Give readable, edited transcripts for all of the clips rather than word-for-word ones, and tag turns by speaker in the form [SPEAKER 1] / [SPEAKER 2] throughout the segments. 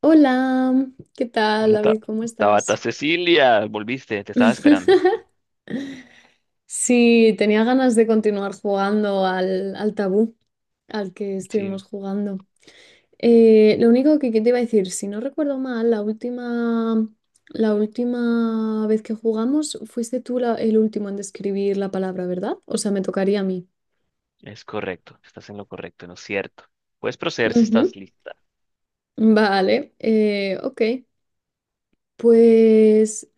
[SPEAKER 1] Hola, ¿qué tal,
[SPEAKER 2] Hola,
[SPEAKER 1] David? ¿Cómo
[SPEAKER 2] Tabata
[SPEAKER 1] estás?
[SPEAKER 2] Cecilia, volviste, te estaba esperando.
[SPEAKER 1] Sí, tenía ganas de continuar jugando al tabú al que estuvimos
[SPEAKER 2] Sí,
[SPEAKER 1] jugando. Lo único que te iba a decir, si no recuerdo mal, la última vez que jugamos fuiste tú el último en describir la palabra, ¿verdad? O sea, me tocaría a mí.
[SPEAKER 2] es correcto, estás en lo correcto, ¿no es cierto? Puedes proceder si
[SPEAKER 1] Ujú.
[SPEAKER 2] estás lista.
[SPEAKER 1] Vale, ok. Pues,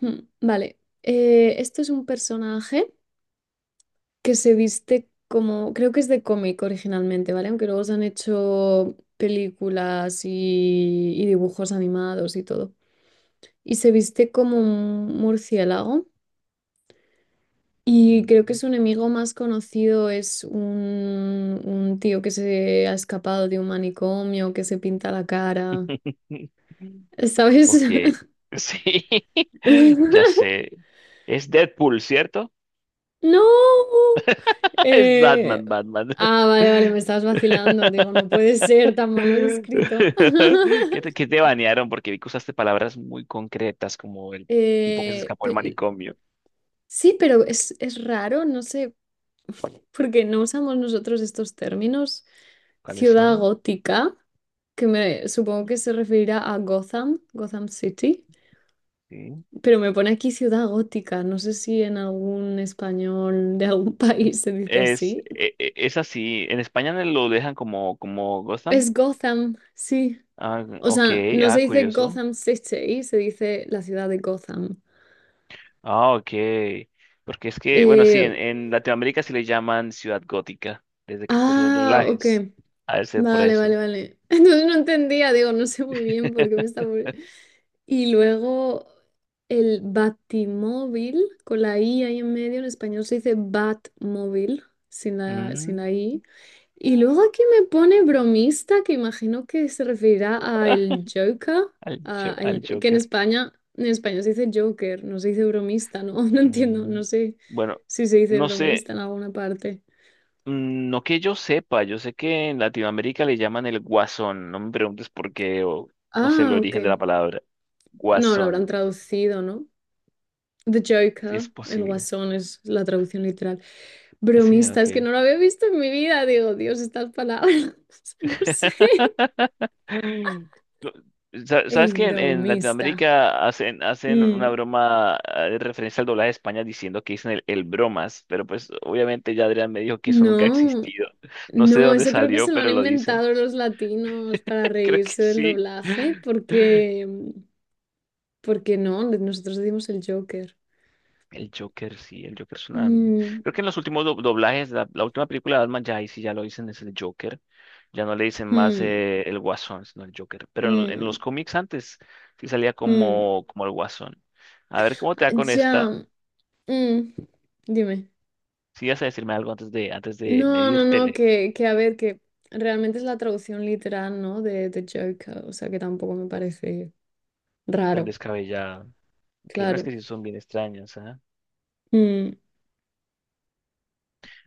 [SPEAKER 1] vale. Esto es un personaje que se viste como, creo que es de cómic originalmente, ¿vale? Aunque luego se han hecho películas y dibujos animados y todo. Y se viste como un murciélago. Y creo que
[SPEAKER 2] Ujú.
[SPEAKER 1] su enemigo más conocido es un tío que se ha escapado de un manicomio, que se pinta la cara. ¿Sabes?
[SPEAKER 2] Ok, sí, ya sé. Es Deadpool, ¿cierto?
[SPEAKER 1] ¡No!
[SPEAKER 2] Es
[SPEAKER 1] Eh,
[SPEAKER 2] Batman, Batman.
[SPEAKER 1] Vale, vale, me estabas vacilando. Digo, no puede ser tan mal lo descrito.
[SPEAKER 2] Qué te banearon? Porque vi que usaste palabras muy concretas como el tipo que se
[SPEAKER 1] Eh,
[SPEAKER 2] escapó del
[SPEAKER 1] pe-
[SPEAKER 2] manicomio.
[SPEAKER 1] sí, pero es raro, no sé, porque no usamos nosotros estos términos.
[SPEAKER 2] ¿Cuáles
[SPEAKER 1] Ciudad
[SPEAKER 2] son?
[SPEAKER 1] gótica, que me supongo que se referirá a Gotham, Gotham City,
[SPEAKER 2] Sí.
[SPEAKER 1] pero me pone aquí ciudad gótica. No sé si en algún español de algún país se dice
[SPEAKER 2] Es,
[SPEAKER 1] así.
[SPEAKER 2] e- e- es así. En España no lo dejan como, como Gotham.
[SPEAKER 1] Es Gotham, sí.
[SPEAKER 2] Ah,
[SPEAKER 1] O
[SPEAKER 2] ok,
[SPEAKER 1] sea, no
[SPEAKER 2] ah,
[SPEAKER 1] se dice
[SPEAKER 2] curioso.
[SPEAKER 1] Gotham City, se dice la ciudad de Gotham.
[SPEAKER 2] Ah, ok. Porque es que, bueno, sí, en,
[SPEAKER 1] Eh,
[SPEAKER 2] en Latinoamérica sí le llaman Ciudad Gótica, desde que pues los
[SPEAKER 1] ok.
[SPEAKER 2] doblajes. Ha de ser por
[SPEAKER 1] Vale,
[SPEAKER 2] eso.
[SPEAKER 1] vale, vale. Entonces no entendía, digo, no sé muy bien por qué me está... Y luego el batimóvil, con la I ahí en medio, en español se dice batmóvil, sin la
[SPEAKER 2] Mm,
[SPEAKER 1] I. Y luego aquí me pone bromista, que imagino que se referirá a
[SPEAKER 2] ah,
[SPEAKER 1] el Joker,
[SPEAKER 2] al, al
[SPEAKER 1] que en
[SPEAKER 2] Joker.
[SPEAKER 1] España, en español se dice Joker, no se dice bromista, ¿no? No entiendo, no
[SPEAKER 2] Mm,
[SPEAKER 1] sé
[SPEAKER 2] bueno,
[SPEAKER 1] si se dice
[SPEAKER 2] no sé,
[SPEAKER 1] bromista en alguna parte.
[SPEAKER 2] mm, no que yo sepa, yo sé que en Latinoamérica le llaman el guasón, no me preguntes por qué o no sé el
[SPEAKER 1] Ah, ok.
[SPEAKER 2] origen de la palabra,
[SPEAKER 1] No, lo habrán
[SPEAKER 2] guasón.
[SPEAKER 1] traducido, ¿no? The Joker,
[SPEAKER 2] Es
[SPEAKER 1] el
[SPEAKER 2] posible.
[SPEAKER 1] Guasón es la traducción literal.
[SPEAKER 2] Sí,
[SPEAKER 1] Bromista, es que
[SPEAKER 2] ok.
[SPEAKER 1] no lo había visto en mi vida. Digo, Dios, estas palabras, no sé.
[SPEAKER 2] No, ¿Sabes
[SPEAKER 1] El
[SPEAKER 2] que en
[SPEAKER 1] bromista.
[SPEAKER 2] Latinoamérica hacen, hacen
[SPEAKER 1] Mm,
[SPEAKER 2] una broma de referencia al doblaje de España diciendo que dicen el bromas? Pero pues obviamente ya Adrián me dijo que eso nunca ha
[SPEAKER 1] No,
[SPEAKER 2] existido. No sé de
[SPEAKER 1] no,
[SPEAKER 2] dónde
[SPEAKER 1] eso creo que
[SPEAKER 2] salió,
[SPEAKER 1] se lo han
[SPEAKER 2] pero lo dicen.
[SPEAKER 1] inventado los latinos para
[SPEAKER 2] Creo que
[SPEAKER 1] reírse del
[SPEAKER 2] sí.
[SPEAKER 1] doblaje, porque, porque no, nosotros decimos el Joker.
[SPEAKER 2] El Joker, sí, el Joker es una...
[SPEAKER 1] Mm,
[SPEAKER 2] Creo que en los últimos doblajes, la última película de Batman, ya ahí sí ya lo dicen, es el Joker. Ya no le dicen más
[SPEAKER 1] mm,
[SPEAKER 2] el Guasón, sino el Joker. Pero en, en
[SPEAKER 1] mm,
[SPEAKER 2] los cómics antes sí salía
[SPEAKER 1] mm.
[SPEAKER 2] como, como el Guasón. A ver cómo te
[SPEAKER 1] Ah,
[SPEAKER 2] va con esta.
[SPEAKER 1] Ya, mm, Dime.
[SPEAKER 2] Si vas a decirme algo antes de
[SPEAKER 1] No, no, no,
[SPEAKER 2] medírtele
[SPEAKER 1] que a ver, que realmente es la traducción literal, ¿no? De Joker, o sea que tampoco me parece
[SPEAKER 2] tan
[SPEAKER 1] raro,
[SPEAKER 2] descabellada. Que hay unas
[SPEAKER 1] claro.
[SPEAKER 2] que sí son bien extrañas, ¿ah?
[SPEAKER 1] Mm,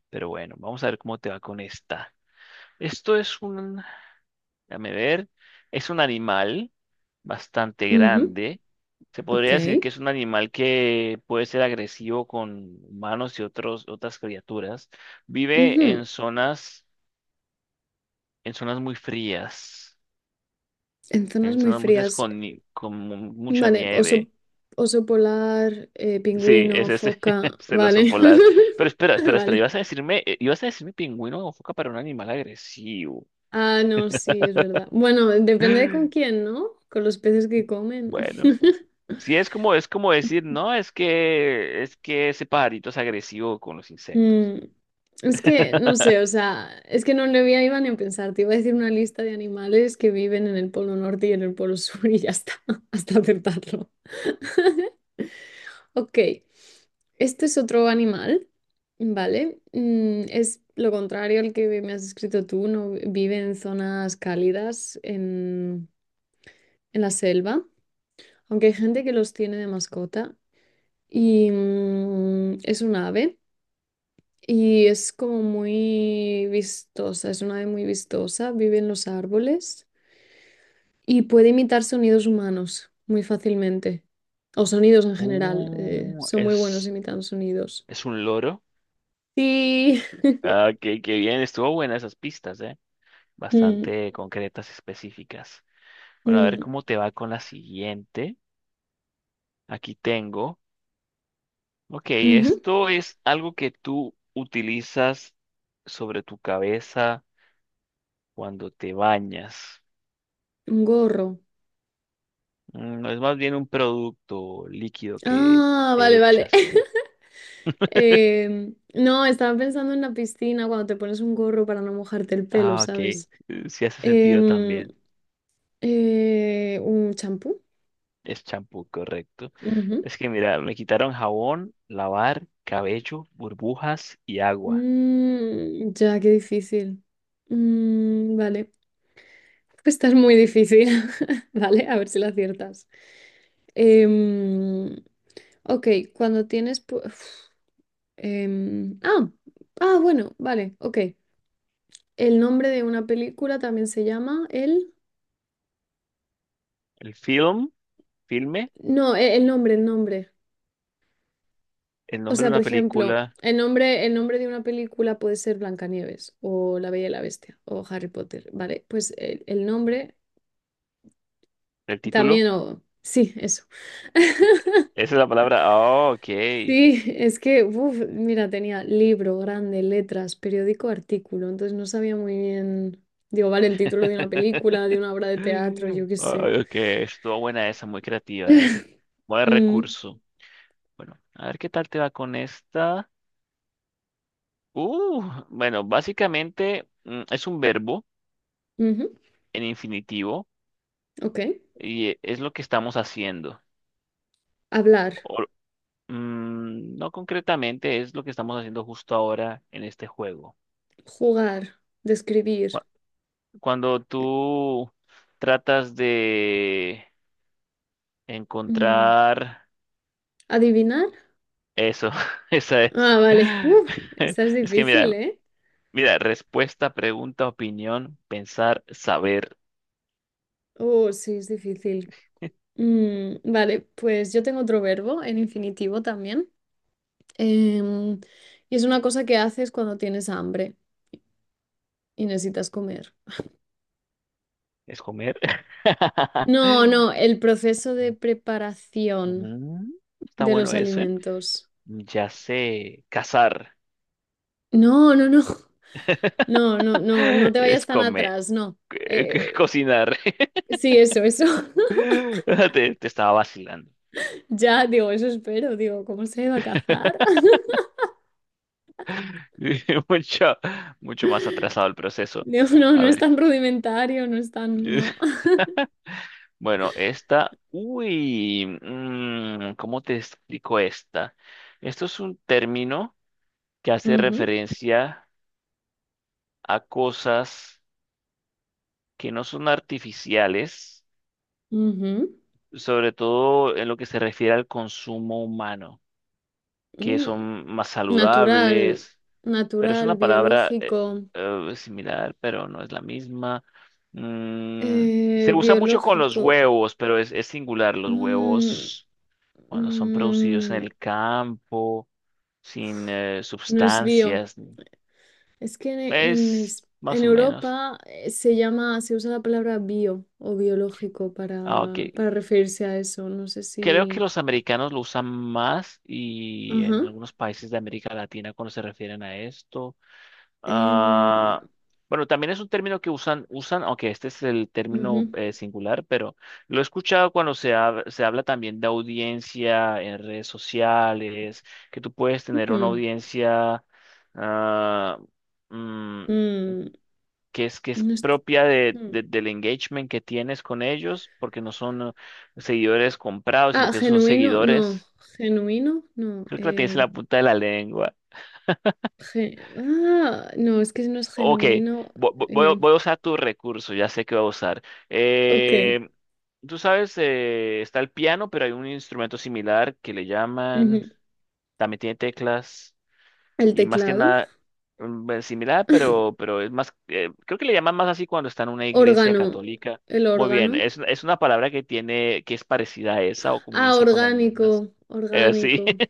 [SPEAKER 2] Pero bueno, vamos a ver cómo te va con esta. Esto es un, déjame ver. Es un animal bastante
[SPEAKER 1] ujú,
[SPEAKER 2] grande. Se
[SPEAKER 1] ok.
[SPEAKER 2] podría decir que es un animal que puede ser agresivo con humanos y otros, otras criaturas. Vive
[SPEAKER 1] Ujú.
[SPEAKER 2] en zonas muy frías,
[SPEAKER 1] En zonas
[SPEAKER 2] en
[SPEAKER 1] muy
[SPEAKER 2] zonas muy frías
[SPEAKER 1] frías,
[SPEAKER 2] con, con mucha
[SPEAKER 1] vale, oso,
[SPEAKER 2] nieve.
[SPEAKER 1] oso polar,
[SPEAKER 2] Sí,
[SPEAKER 1] pingüino,
[SPEAKER 2] es ese,
[SPEAKER 1] foca,
[SPEAKER 2] es el oso
[SPEAKER 1] vale.
[SPEAKER 2] polar. Pero espera, espera, espera,
[SPEAKER 1] Vale.
[SPEAKER 2] ibas a decirme pingüino o foca para un animal agresivo.
[SPEAKER 1] Ah, no, sí, es verdad. Bueno, depende de con quién, ¿no? Con los peces que comen.
[SPEAKER 2] Bueno. Sí, es como decir, no, es que ese pajarito es agresivo con los insectos.
[SPEAKER 1] Mm, es que, no sé, o sea, es que no le voy a iba ni a pensar, te iba a decir una lista de animales que viven en el Polo Norte y en el Polo Sur y ya está, hasta acertarlo. Ok, este es otro animal, ¿vale? Es lo contrario al que me has escrito tú, no vi- vive en zonas cálidas, en la selva, aunque hay gente que los tiene de mascota y es un ave. Y es como muy vistosa, es una ave muy vistosa, vive en los árboles y puede imitar sonidos humanos muy fácilmente, o sonidos en general,
[SPEAKER 2] Uh,
[SPEAKER 1] son muy buenos
[SPEAKER 2] es,
[SPEAKER 1] imitando sonidos.
[SPEAKER 2] es un loro.
[SPEAKER 1] Sí.
[SPEAKER 2] Ah, qué, qué bien, estuvo buena esas pistas, ¿eh?
[SPEAKER 1] Mm,
[SPEAKER 2] Bastante concretas, específicas. Bueno, a ver
[SPEAKER 1] mm,
[SPEAKER 2] cómo te va con la siguiente. Aquí tengo. Ok,
[SPEAKER 1] ujú.
[SPEAKER 2] esto es algo que tú utilizas sobre tu cabeza cuando te bañas.
[SPEAKER 1] Un gorro.
[SPEAKER 2] Mm, es más bien un producto líquido que
[SPEAKER 1] Ah,
[SPEAKER 2] te
[SPEAKER 1] vale, vale.
[SPEAKER 2] echas.
[SPEAKER 1] No, estaba pensando en la piscina cuando te pones un gorro para no mojarte el pelo,
[SPEAKER 2] Ah, ok.
[SPEAKER 1] ¿sabes?
[SPEAKER 2] Sí hace sentido
[SPEAKER 1] Em,
[SPEAKER 2] también.
[SPEAKER 1] un champú.
[SPEAKER 2] Es champú, correcto.
[SPEAKER 1] Ujú.
[SPEAKER 2] Es que mira, me quitaron jabón, lavar, cabello, burbujas y agua.
[SPEAKER 1] Ya, qué difícil. Vale. Esta es muy difícil. Vale, a ver si la aciertas. Em, ok, cuando tienes... pu- uf, em, ah, ah, bueno, vale, ok. El nombre de una película también se llama el...
[SPEAKER 2] El film, filme,
[SPEAKER 1] No, el nombre, el nombre.
[SPEAKER 2] el
[SPEAKER 1] O
[SPEAKER 2] nombre de
[SPEAKER 1] sea,
[SPEAKER 2] una
[SPEAKER 1] por ejemplo,
[SPEAKER 2] película,
[SPEAKER 1] el nombre de una película puede ser Blancanieves o La Bella y la Bestia o Harry Potter. Vale, pues el nombre
[SPEAKER 2] el título.
[SPEAKER 1] también o... Sí, eso.
[SPEAKER 2] Esa es la palabra. Ah, ok.
[SPEAKER 1] Sí, es que, uf, mira, tenía libro grande, letras, periódico, artículo, entonces no sabía muy bien, digo, vale, el título de una película, de una obra de teatro,
[SPEAKER 2] Ay,
[SPEAKER 1] yo qué sé.
[SPEAKER 2] ok, estuvo buena esa, muy creativa, eh. Buen
[SPEAKER 1] Mm,
[SPEAKER 2] recurso. Bueno, a ver qué tal te va con esta. Uh, bueno, básicamente mm, es un verbo
[SPEAKER 1] Ujú,
[SPEAKER 2] en infinitivo
[SPEAKER 1] ok.
[SPEAKER 2] y es lo que estamos haciendo.
[SPEAKER 1] Hablar,
[SPEAKER 2] O- mm, no concretamente, es lo que estamos haciendo justo ahora en este juego.
[SPEAKER 1] jugar,
[SPEAKER 2] Cu-
[SPEAKER 1] describir,
[SPEAKER 2] Cuando
[SPEAKER 1] eh,
[SPEAKER 2] tú tratas de
[SPEAKER 1] mm,
[SPEAKER 2] encontrar
[SPEAKER 1] adivinar.
[SPEAKER 2] eso, esa es.
[SPEAKER 1] Ah, vale. Uf, esta es
[SPEAKER 2] Es que
[SPEAKER 1] difícil,
[SPEAKER 2] mira,
[SPEAKER 1] ¿eh?
[SPEAKER 2] mira, respuesta, pregunta, opinión, pensar, saber.
[SPEAKER 1] Oh, sí, es difícil. Vale, pues yo tengo otro verbo en infinitivo también. Em, y es una cosa que haces cuando tienes hambre y necesitas comer.
[SPEAKER 2] ¿Es comer?
[SPEAKER 1] No, no, el proceso de preparación
[SPEAKER 2] Mm, está
[SPEAKER 1] de
[SPEAKER 2] bueno
[SPEAKER 1] los
[SPEAKER 2] ese.
[SPEAKER 1] alimentos.
[SPEAKER 2] Ya sé, cazar.
[SPEAKER 1] No, no, no. No, no, no, no te vayas
[SPEAKER 2] Es
[SPEAKER 1] tan
[SPEAKER 2] comer,
[SPEAKER 1] atrás, no. Eh,
[SPEAKER 2] cocinar.
[SPEAKER 1] sí, eso, eso.
[SPEAKER 2] Te estaba vacilando.
[SPEAKER 1] Ya, digo, eso espero, digo, ¿cómo se iba a cazar?
[SPEAKER 2] Mucho, mucho más atrasado el proceso.
[SPEAKER 1] Digo, no,
[SPEAKER 2] A
[SPEAKER 1] no es
[SPEAKER 2] ver,
[SPEAKER 1] tan rudimentario, no es tan, no.
[SPEAKER 2] bueno, esta, uy, mm, ¿cómo te explico esta? Esto es un término que hace
[SPEAKER 1] Ujú,
[SPEAKER 2] referencia a cosas que no son artificiales
[SPEAKER 1] ujú,
[SPEAKER 2] sobre todo en lo que se refiere al consumo humano, que
[SPEAKER 1] mm.
[SPEAKER 2] son más
[SPEAKER 1] Natural,
[SPEAKER 2] saludables, pero es
[SPEAKER 1] natural,
[SPEAKER 2] una palabra
[SPEAKER 1] biológico,
[SPEAKER 2] similar, pero no es la misma. Mm, se usa mucho con los
[SPEAKER 1] biológico.
[SPEAKER 2] huevos, pero es singular, los
[SPEAKER 1] mm,
[SPEAKER 2] huevos cuando son producidos en
[SPEAKER 1] mm,
[SPEAKER 2] el campo, sin
[SPEAKER 1] no es bio.
[SPEAKER 2] sustancias,
[SPEAKER 1] Es que en,
[SPEAKER 2] es
[SPEAKER 1] en
[SPEAKER 2] más o menos.
[SPEAKER 1] Europa se llama, se usa la palabra bio o biológico
[SPEAKER 2] Ah, ok.
[SPEAKER 1] para referirse a eso. No sé
[SPEAKER 2] Creo que
[SPEAKER 1] si.
[SPEAKER 2] los americanos lo usan más y
[SPEAKER 1] Ajá.
[SPEAKER 2] en algunos países de América Latina cuando se refieren a esto.
[SPEAKER 1] em,
[SPEAKER 2] Ah, bueno, también es un término que usan, usan, aunque este es el término
[SPEAKER 1] ujú,
[SPEAKER 2] singular, pero lo he escuchado cuando se, se habla también de audiencia en redes sociales, que tú puedes tener una
[SPEAKER 1] mm,
[SPEAKER 2] audiencia ah, mm,
[SPEAKER 1] mm,
[SPEAKER 2] que es
[SPEAKER 1] no es-
[SPEAKER 2] propia de,
[SPEAKER 1] mm.
[SPEAKER 2] del engagement que tienes con ellos, porque no son seguidores comprados, sino
[SPEAKER 1] Ah,
[SPEAKER 2] que son
[SPEAKER 1] genuino, no.
[SPEAKER 2] seguidores.
[SPEAKER 1] Genuino, no.
[SPEAKER 2] Creo que la tienes en la punta de la lengua.
[SPEAKER 1] Ah, no, es que no es
[SPEAKER 2] Ok,
[SPEAKER 1] genuino.
[SPEAKER 2] voy, a
[SPEAKER 1] em,
[SPEAKER 2] voy a usar tu recurso, ya sé que voy a usar.
[SPEAKER 1] ok.
[SPEAKER 2] Eh, tú sabes, está el piano, pero hay un instrumento similar que le llaman,
[SPEAKER 1] Ujú.
[SPEAKER 2] también tiene teclas
[SPEAKER 1] El
[SPEAKER 2] y más que
[SPEAKER 1] teclado.
[SPEAKER 2] nada mm, es similar, pero es más, creo que le llaman más así cuando está en una iglesia
[SPEAKER 1] Órgano.
[SPEAKER 2] católica.
[SPEAKER 1] El
[SPEAKER 2] Muy bien,
[SPEAKER 1] órgano.
[SPEAKER 2] es una palabra que tiene, que es parecida a esa o
[SPEAKER 1] Ah,
[SPEAKER 2] comienza con las mismas.
[SPEAKER 1] orgánico.
[SPEAKER 2] Sí.
[SPEAKER 1] Orgánico.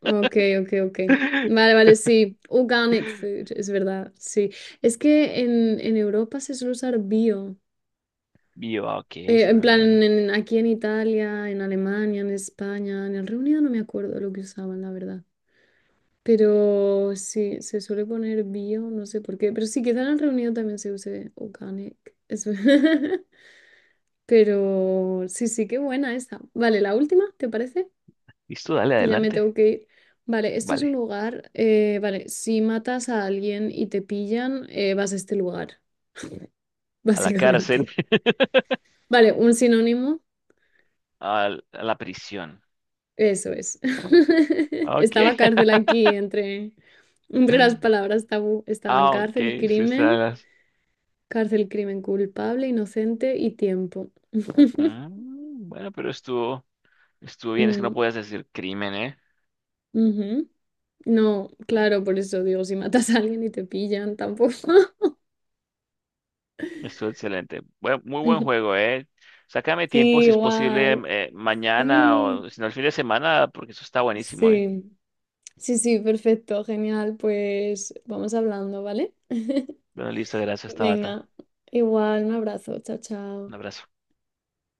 [SPEAKER 1] Ok, ok, ok. Vale, vale, sí. Organic food, es verdad. Sí. Es que en Europa se suele usar bio.
[SPEAKER 2] Bio, ah, ok,
[SPEAKER 1] En
[SPEAKER 2] suena
[SPEAKER 1] plan,
[SPEAKER 2] bien.
[SPEAKER 1] aquí en Italia, en Alemania, en España, en el Reino Unido no me acuerdo lo que usaban, la verdad. Pero sí, se suele poner bio, no sé por qué. Pero sí, quizá en el reunido también se use organic. Es ver- Pero sí, sí, qué buena esta. Vale, la última, ¿te parece?
[SPEAKER 2] Listo, dale
[SPEAKER 1] Que ya me
[SPEAKER 2] adelante.
[SPEAKER 1] tengo que ir. Vale, este es un
[SPEAKER 2] Vale,
[SPEAKER 1] lugar. Vale, si matas a alguien y te pillan, vas a este lugar,
[SPEAKER 2] a la cárcel.
[SPEAKER 1] básicamente. Vale, un sinónimo,
[SPEAKER 2] A la prisión.
[SPEAKER 1] eso es.
[SPEAKER 2] Ok.
[SPEAKER 1] Estaba cárcel aquí entre las palabras tabú. Estaban
[SPEAKER 2] Ah, ok.
[SPEAKER 1] cárcel,
[SPEAKER 2] Sí, está
[SPEAKER 1] crimen.
[SPEAKER 2] las...
[SPEAKER 1] Cárcel, crimen, culpable, inocente y tiempo.
[SPEAKER 2] Mm, bueno, pero estuvo, estuvo bien. Es que no
[SPEAKER 1] Mm,
[SPEAKER 2] puedes decir crimen, ¿eh?
[SPEAKER 1] Ujú. No, claro, por eso digo, si matas a alguien y te pillan, tampoco.
[SPEAKER 2] Estuvo excelente. Muy buen juego, ¿eh? Sácame tiempo
[SPEAKER 1] Sí,
[SPEAKER 2] si es posible
[SPEAKER 1] igual.
[SPEAKER 2] mm, mañana
[SPEAKER 1] Sí,
[SPEAKER 2] o si no el fin de semana, porque eso está buenísimo, ¿eh?
[SPEAKER 1] sí. Sí, sí, perfecto, genial. Pues vamos hablando, ¿vale?
[SPEAKER 2] Bueno, listo. Gracias, Tabata.
[SPEAKER 1] Venga, igual, un abrazo, chao,
[SPEAKER 2] Un
[SPEAKER 1] chao.
[SPEAKER 2] abrazo.